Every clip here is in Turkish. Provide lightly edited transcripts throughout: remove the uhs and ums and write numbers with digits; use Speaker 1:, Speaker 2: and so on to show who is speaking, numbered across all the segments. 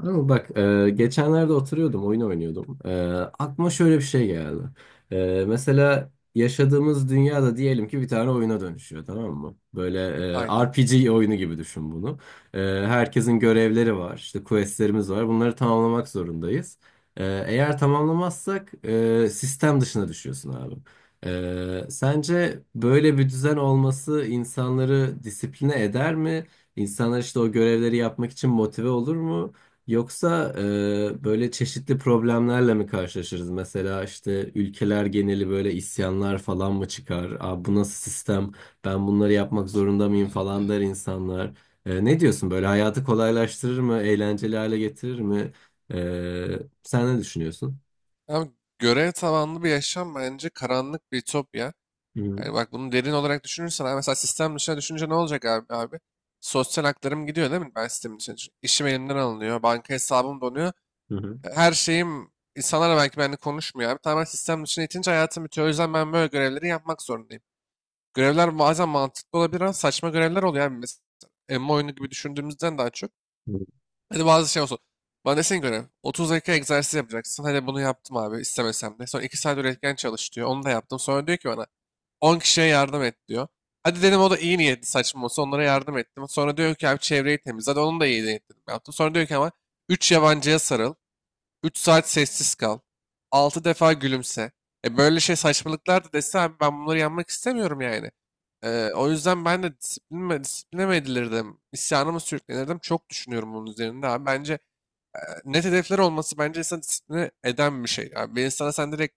Speaker 1: Ama bak geçenlerde oturuyordum oyun oynuyordum. Aklıma şöyle bir şey geldi. Mesela yaşadığımız dünyada diyelim ki bir tane oyuna dönüşüyor, tamam mı? Böyle
Speaker 2: Aynen.
Speaker 1: RPG oyunu gibi düşün bunu. E, herkesin görevleri var, işte questlerimiz var, bunları tamamlamak zorundayız. Eğer tamamlamazsak sistem dışına düşüyorsun abi. Sence böyle bir düzen olması insanları disipline eder mi? İnsanlar işte o görevleri yapmak için motive olur mu? Yoksa böyle çeşitli problemlerle mi karşılaşırız? Mesela işte ülkeler geneli böyle isyanlar falan mı çıkar? Aa, bu nasıl sistem? Ben bunları yapmak zorunda mıyım falan der insanlar. Ne diyorsun, böyle hayatı kolaylaştırır mı? Eğlenceli hale getirir mi? Sen ne düşünüyorsun?
Speaker 2: Abi görev tabanlı bir yaşam bence karanlık bir ütopya.
Speaker 1: Hı hı.
Speaker 2: Yani bak bunu derin olarak düşünürsen abi mesela sistem dışına düşünce ne olacak abi, abi? Sosyal haklarım gidiyor değil mi? Ben sistemin dışına düşün- İşim elimden alınıyor. Banka hesabım donuyor.
Speaker 1: Hı hı.
Speaker 2: Her şeyim insanlar belki benimle konuşmuyor abi. Tamamen sistem dışına itince hayatım bitiyor. O yüzden ben böyle görevleri yapmak zorundayım. Görevler bazen mantıklı olabilir ama saçma görevler oluyor abi. Mesela emmi oyunu gibi düşündüğümüzden daha çok.
Speaker 1: Hı.
Speaker 2: Hadi bazı şey olsun. Bana desin göre 30 dakika egzersiz yapacaksın. Hadi bunu yaptım abi istemesem de. Sonra 2 saat üretken çalış diyor. Onu da yaptım. Sonra diyor ki bana 10 kişiye yardım et diyor. Hadi dedim o da iyi niyetli saçma olsa onlara yardım ettim. Sonra diyor ki abi çevreyi temizle. Hadi onun da iyi niyetli yaptım. Sonra diyor ki ama 3 yabancıya sarıl. 3 saat sessiz kal. 6 defa gülümse. Böyle şey saçmalıklar da dese abi ben bunları yanmak istemiyorum yani. O yüzden ben de disiplinime, disipline mi edilirdim, isyanımı sürüklenirdim. Çok düşünüyorum bunun üzerinde abi. Bence net hedefler olması bence insanı disipline eden bir şey. Yani bir insana sen direkt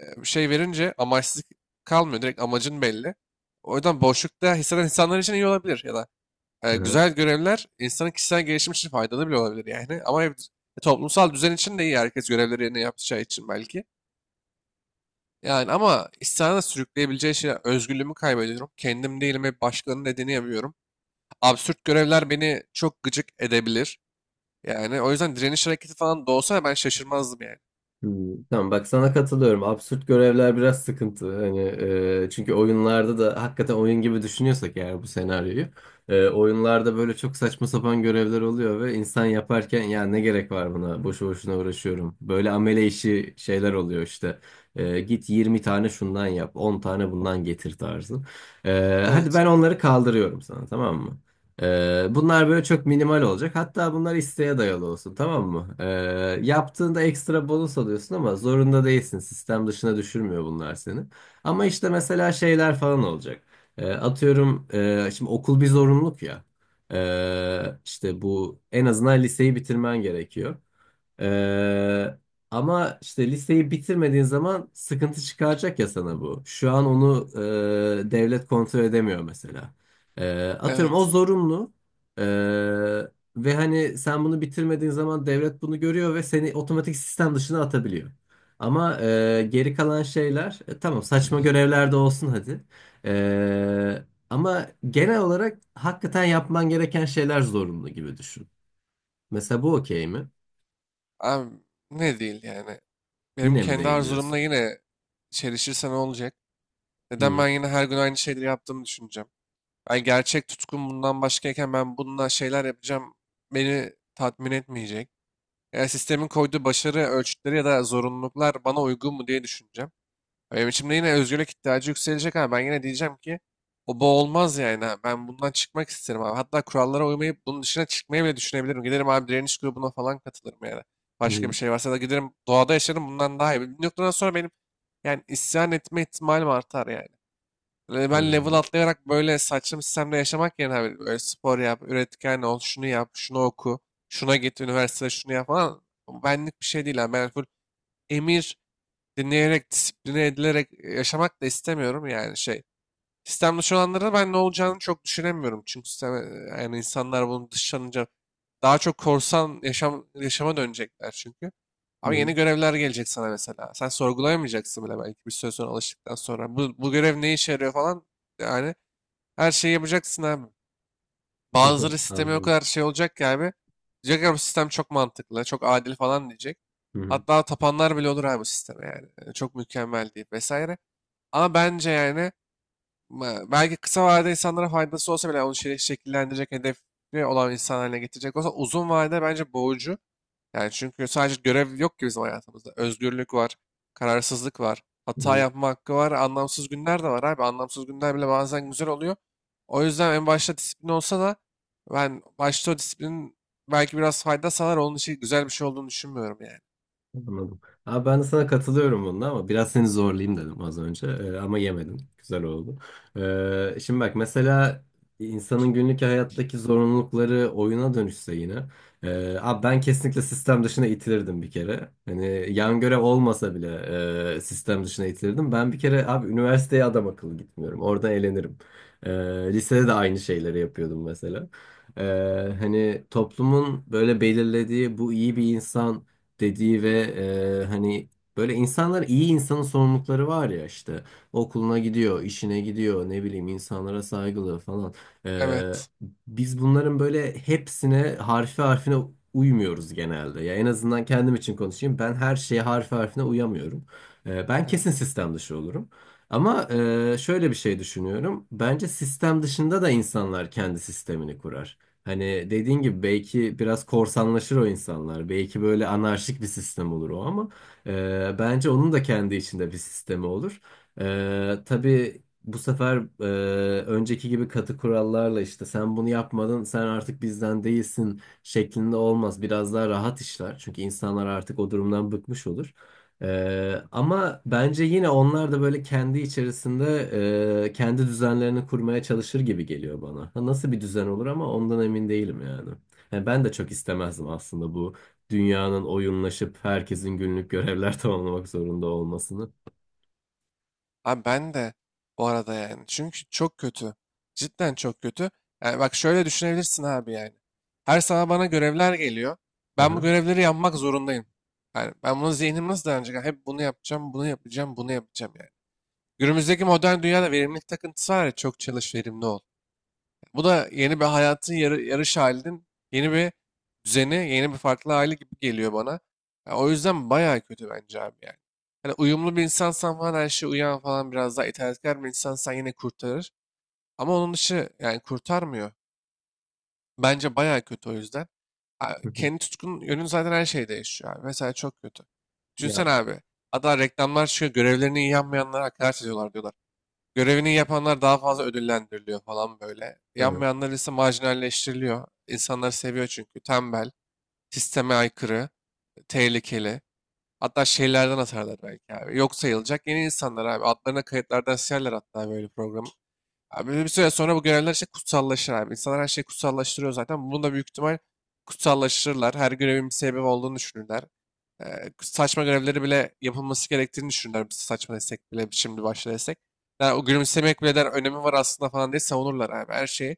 Speaker 2: bir şey verince amaçsız kalmıyor. Direkt amacın belli. O yüzden boşlukta hisseden insanlar için iyi olabilir. Ya da güzel görevler insanın kişisel gelişimi için faydalı bile olabilir yani. Ama toplumsal düzen için de iyi. Herkes görevleri yerine yapacağı için belki. Yani ama isyana sürükleyebileceği şey özgürlüğümü kaybediyorum. Kendim değilim ve başkalarının dediğini yapıyorum. Absürt görevler beni çok gıcık edebilir. Yani o yüzden direniş hareketi falan da olsa ben şaşırmazdım yani.
Speaker 1: Hmm, tamam, bak sana katılıyorum. Absürt görevler biraz sıkıntı. Hani çünkü oyunlarda da hakikaten oyun gibi düşünüyorsak eğer bu senaryoyu, oyunlarda böyle çok saçma sapan görevler oluyor ve insan yaparken ya ne gerek var buna? Boşu boşuna uğraşıyorum. Böyle amele işi şeyler oluyor işte. Git 20 tane şundan yap, 10 tane bundan getir tarzı. Hadi
Speaker 2: Evet.
Speaker 1: ben onları kaldırıyorum sana, tamam mı? Bunlar böyle çok minimal olacak. Hatta bunlar isteğe dayalı olsun, tamam mı? Yaptığında ekstra bonus alıyorsun ama zorunda değilsin. Sistem dışına düşürmüyor bunlar seni. Ama işte mesela şeyler falan olacak. Atıyorum, şimdi okul bir zorunluluk ya. İşte bu, en azından liseyi bitirmen gerekiyor. Ee, ama işte listeyi bitirmediğin zaman sıkıntı çıkaracak ya sana bu. Şu an onu devlet kontrol edemiyor mesela. Atıyorum o
Speaker 2: Evet.
Speaker 1: zorunlu. Ee, ve hani sen bunu bitirmediğin zaman devlet bunu görüyor ve seni otomatik sistem dışına atabiliyor. Ama geri kalan şeyler, tamam, saçma görevler de olsun hadi. Ee, ama genel olarak hakikaten yapman gereken şeyler zorunlu gibi düşün. Mesela bu okey mi?
Speaker 2: Abi ne değil yani. Benim
Speaker 1: Yine mi
Speaker 2: kendi
Speaker 1: değil
Speaker 2: arzumla
Speaker 1: diyorsun?
Speaker 2: yine çelişirse ne olacak?
Speaker 1: Hı
Speaker 2: Neden ben
Speaker 1: hı.
Speaker 2: yine her gün aynı şeyleri yaptığımı düşüneceğim? Ben gerçek tutkum bundan başkayken ben bununla şeyler yapacağım beni tatmin etmeyecek. Yani sistemin koyduğu başarı ölçütleri ya da zorunluluklar bana uygun mu diye düşüneceğim. Benim içimde yine özgürlük ihtiyacı yükselecek ama ben yine diyeceğim ki o bu olmaz yani. Ha. Ben bundan çıkmak isterim abi. Hatta kurallara uymayıp bunun dışına çıkmayı bile düşünebilirim. Giderim abi direniş grubuna falan katılırım yani. Başka bir şey varsa da giderim doğada yaşarım bundan daha iyi. Bir noktadan sonra benim yani isyan etme ihtimalim artar yani. Yani
Speaker 1: Hı
Speaker 2: ben level
Speaker 1: hı.
Speaker 2: atlayarak böyle saçma sistemde yaşamak yerine abi böyle spor yap, üretken ol, şunu yap, şunu oku, şuna git, üniversitede şunu yap falan. Bu benlik bir şey değil abi. Ben full emir dinleyerek, disipline edilerek yaşamak da istemiyorum yani şey. Sistem dışı olanlara ben ne olacağını çok düşünemiyorum. Çünkü sistem, yani insanlar bunu dışlanınca daha çok korsan yaşama dönecekler çünkü.
Speaker 1: Hı
Speaker 2: Ama
Speaker 1: hı.
Speaker 2: yeni görevler gelecek sana mesela. Sen sorgulayamayacaksın bile belki bir süre sonra alıştıktan sonra. Bu görev ne işe yarıyor falan. Yani her şeyi yapacaksın abi. Bazıları sistemi o
Speaker 1: Anladım.
Speaker 2: kadar şey olacak ki abi. Diyecek ya bu sistem çok mantıklı, çok adil falan diyecek.
Speaker 1: Hı hı.
Speaker 2: Hatta tapanlar bile olur abi bu sisteme yani. Yani çok mükemmel deyip vesaire. Ama bence yani belki kısa vadede insanlara faydası olsa bile yani onu şekillendirecek, hedefi olan insan haline getirecek olsa uzun vadede bence boğucu. Yani çünkü sadece görev yok ki bizim hayatımızda. Özgürlük var, kararsızlık var, hata
Speaker 1: Hı.
Speaker 2: yapma hakkı var, anlamsız günler de var abi. Anlamsız günler bile bazen güzel oluyor. O yüzden en başta disiplin olsa da ben başta o disiplinin belki biraz fayda sağlar. Onun için güzel bir şey olduğunu düşünmüyorum yani.
Speaker 1: Anladım. Abi, ben de sana katılıyorum bunda ama biraz seni zorlayayım dedim az önce. Ama yemedin. Güzel oldu. Şimdi bak mesela, insanın günlük hayattaki zorunlulukları oyuna dönüşse yine. Abi ben kesinlikle sistem dışına itilirdim bir kere. Hani yan görev olmasa bile sistem dışına itilirdim. Ben bir kere abi üniversiteye adam akıllı gitmiyorum. Orada eğlenirim. Ee, lisede de aynı şeyleri yapıyordum mesela. Ee, hani toplumun böyle belirlediği bu iyi bir insan dediği ve hani böyle insanlar, iyi insanın sorumlulukları var ya, işte okuluna gidiyor, işine gidiyor, ne bileyim, insanlara saygılı falan. E,
Speaker 2: Evet,
Speaker 1: biz bunların böyle hepsine harfi harfine uymuyoruz genelde. Ya en azından kendim için konuşayım. Ben her şeye harfi harfine uyamıyorum. Ben kesin
Speaker 2: evet.
Speaker 1: sistem dışı olurum. Ama şöyle bir şey düşünüyorum. Bence sistem dışında da insanlar kendi sistemini kurar. Hani dediğin gibi belki biraz korsanlaşır o insanlar. Belki böyle anarşik bir sistem olur o ama bence onun da kendi içinde bir sistemi olur. Tabii bu sefer önceki gibi katı kurallarla işte sen bunu yapmadın, sen artık bizden değilsin şeklinde olmaz. Biraz daha rahat işler. Çünkü insanlar artık o durumdan bıkmış olur. Ama bence yine onlar da böyle kendi içerisinde kendi düzenlerini kurmaya çalışır gibi geliyor bana. Ha, nasıl bir düzen olur ama ondan emin değilim yani. Yani ben de çok istemezdim aslında bu dünyanın oyunlaşıp herkesin günlük görevler tamamlamak zorunda olmasını.
Speaker 2: Abi ben de bu arada yani. Çünkü çok kötü. Cidden çok kötü. Yani bak şöyle düşünebilirsin abi yani. Her sabah bana görevler geliyor. Ben bu
Speaker 1: Aha.
Speaker 2: görevleri yapmak zorundayım. Yani ben bunu zihnim nasıl dayanacak? Yani hep bunu yapacağım, bunu yapacağım, bunu yapacağım yani. Günümüzdeki modern dünyada verimlilik takıntısı var ya çok çalış verimli ol. Bu da yeni bir hayatın yarış halinin yeni bir düzeni, yeni bir farklı hali gibi geliyor bana. Ya o yüzden bayağı kötü bence abi yani. Hani uyumlu bir insansan falan her şeye uyan falan biraz daha itaatkar bir insansan yine kurtarır. Ama onun dışı yani kurtarmıyor. Bence bayağı kötü o yüzden.
Speaker 1: Hı hı.
Speaker 2: Kendi tutkun yönün zaten her şeyde yaşıyor abi. Mesela çok kötü. Düşünsene
Speaker 1: Ya.
Speaker 2: abi. Hatta reklamlar çıkıyor. Görevlerini iyi yapmayanlara hakaret ediyorlar diyorlar. Görevini yapanlar daha fazla ödüllendiriliyor falan böyle.
Speaker 1: Hı.
Speaker 2: Yapmayanlar ise marjinalleştiriliyor. İnsanlar seviyor çünkü. Tembel, sisteme aykırı, tehlikeli. Hatta şeylerden atarlar belki abi. Yok sayılacak yeni insanlar abi. Adlarına kayıtlardan silerler hatta böyle programı. Abi bir süre sonra bu görevler işte kutsallaşır abi. İnsanlar her şeyi kutsallaştırıyor zaten. Bunu da büyük ihtimal kutsallaştırırlar. Her görevin bir sebebi olduğunu düşünürler. Saçma görevleri bile yapılması gerektiğini düşünürler. Biz saçma desek bile şimdi başla desek. Yani o gülümsemek bile der önemi var aslında falan diye savunurlar abi her şeyi.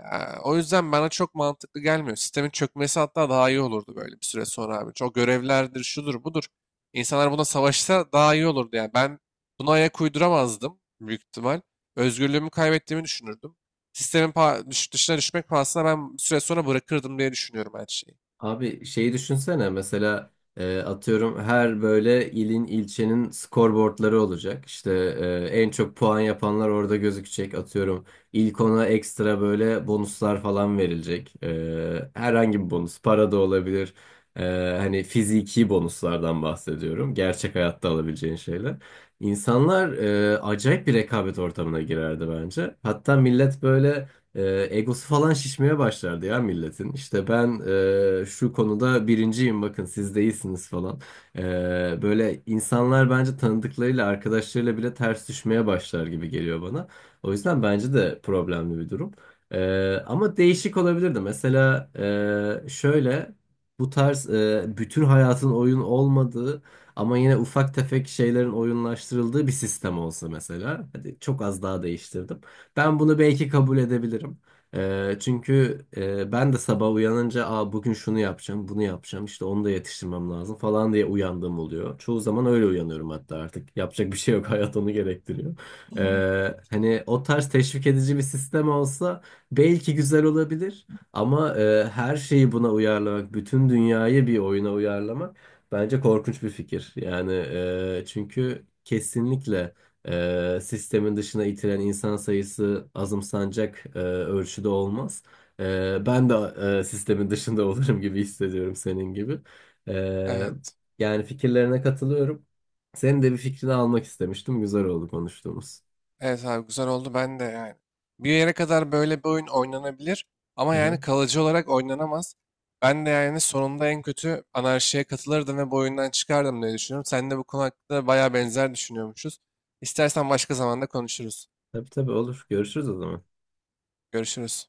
Speaker 2: Ee, O yüzden bana çok mantıklı gelmiyor. Sistemin çökmesi hatta daha iyi olurdu böyle bir süre sonra abi. Çok görevlerdir, şudur, budur. İnsanlar buna savaşsa daha iyi olurdu yani. Ben buna ayak uyduramazdım büyük ihtimal. Özgürlüğümü kaybettiğimi düşünürdüm. Sistemin dışına düşmek pahasına ben bir süre sonra bırakırdım diye düşünüyorum her şeyi.
Speaker 1: Abi, şeyi düşünsene mesela, atıyorum, her böyle ilin ilçenin skorboardları olacak. İşte en çok puan yapanlar orada gözükecek, atıyorum. İlk ona ekstra böyle bonuslar falan verilecek. Herhangi bir bonus, para da olabilir. E, hani fiziki bonuslardan bahsediyorum. Gerçek hayatta alabileceğin şeyler. İnsanlar acayip bir rekabet ortamına girerdi bence. Hatta millet böyle... E, egosu falan şişmeye başlardı ya milletin. İşte ben şu konuda birinciyim, bakın siz değilsiniz falan. E, böyle insanlar bence tanıdıklarıyla, arkadaşlarıyla bile ters düşmeye başlar gibi geliyor bana. O yüzden bence de problemli bir durum. Ama değişik olabilirdi. Mesela şöyle, bu tarz, bütün hayatın oyun olmadığı ama yine ufak tefek şeylerin oyunlaştırıldığı bir sistem olsa mesela. Hadi çok az daha değiştirdim. Ben bunu belki kabul edebilirim. Çünkü ben de sabah uyanınca, aa, bugün şunu yapacağım, bunu yapacağım, işte onu da yetiştirmem lazım falan diye uyandığım oluyor. Çoğu zaman öyle uyanıyorum hatta artık. Yapacak bir şey yok, hayat onu gerektiriyor. Hani o tarz teşvik edici bir sistem olsa belki güzel olabilir. Ama her şeyi buna uyarlamak, bütün dünyayı bir oyuna uyarlamak bence korkunç bir fikir. Yani çünkü kesinlikle... Sistemin dışına itilen insan sayısı azımsanacak ölçüde olmaz. Ben de sistemin dışında olurum gibi hissediyorum senin gibi. Eee,
Speaker 2: Evet.
Speaker 1: yani fikirlerine katılıyorum. Senin de bir fikrini almak istemiştim. Güzel oldu konuştuğumuz.
Speaker 2: Evet abi güzel oldu ben de yani. Bir yere kadar böyle bir oyun oynanabilir ama yani
Speaker 1: Aha.
Speaker 2: kalıcı olarak oynanamaz. Ben de yani sonunda en kötü anarşiye katılırdım ve bu oyundan çıkardım diye düşünüyorum. Sen de bu konu hakkında bayağı benzer düşünüyormuşuz. İstersen başka zamanda konuşuruz.
Speaker 1: Tabii tabii, olur. Görüşürüz o zaman.
Speaker 2: Görüşürüz.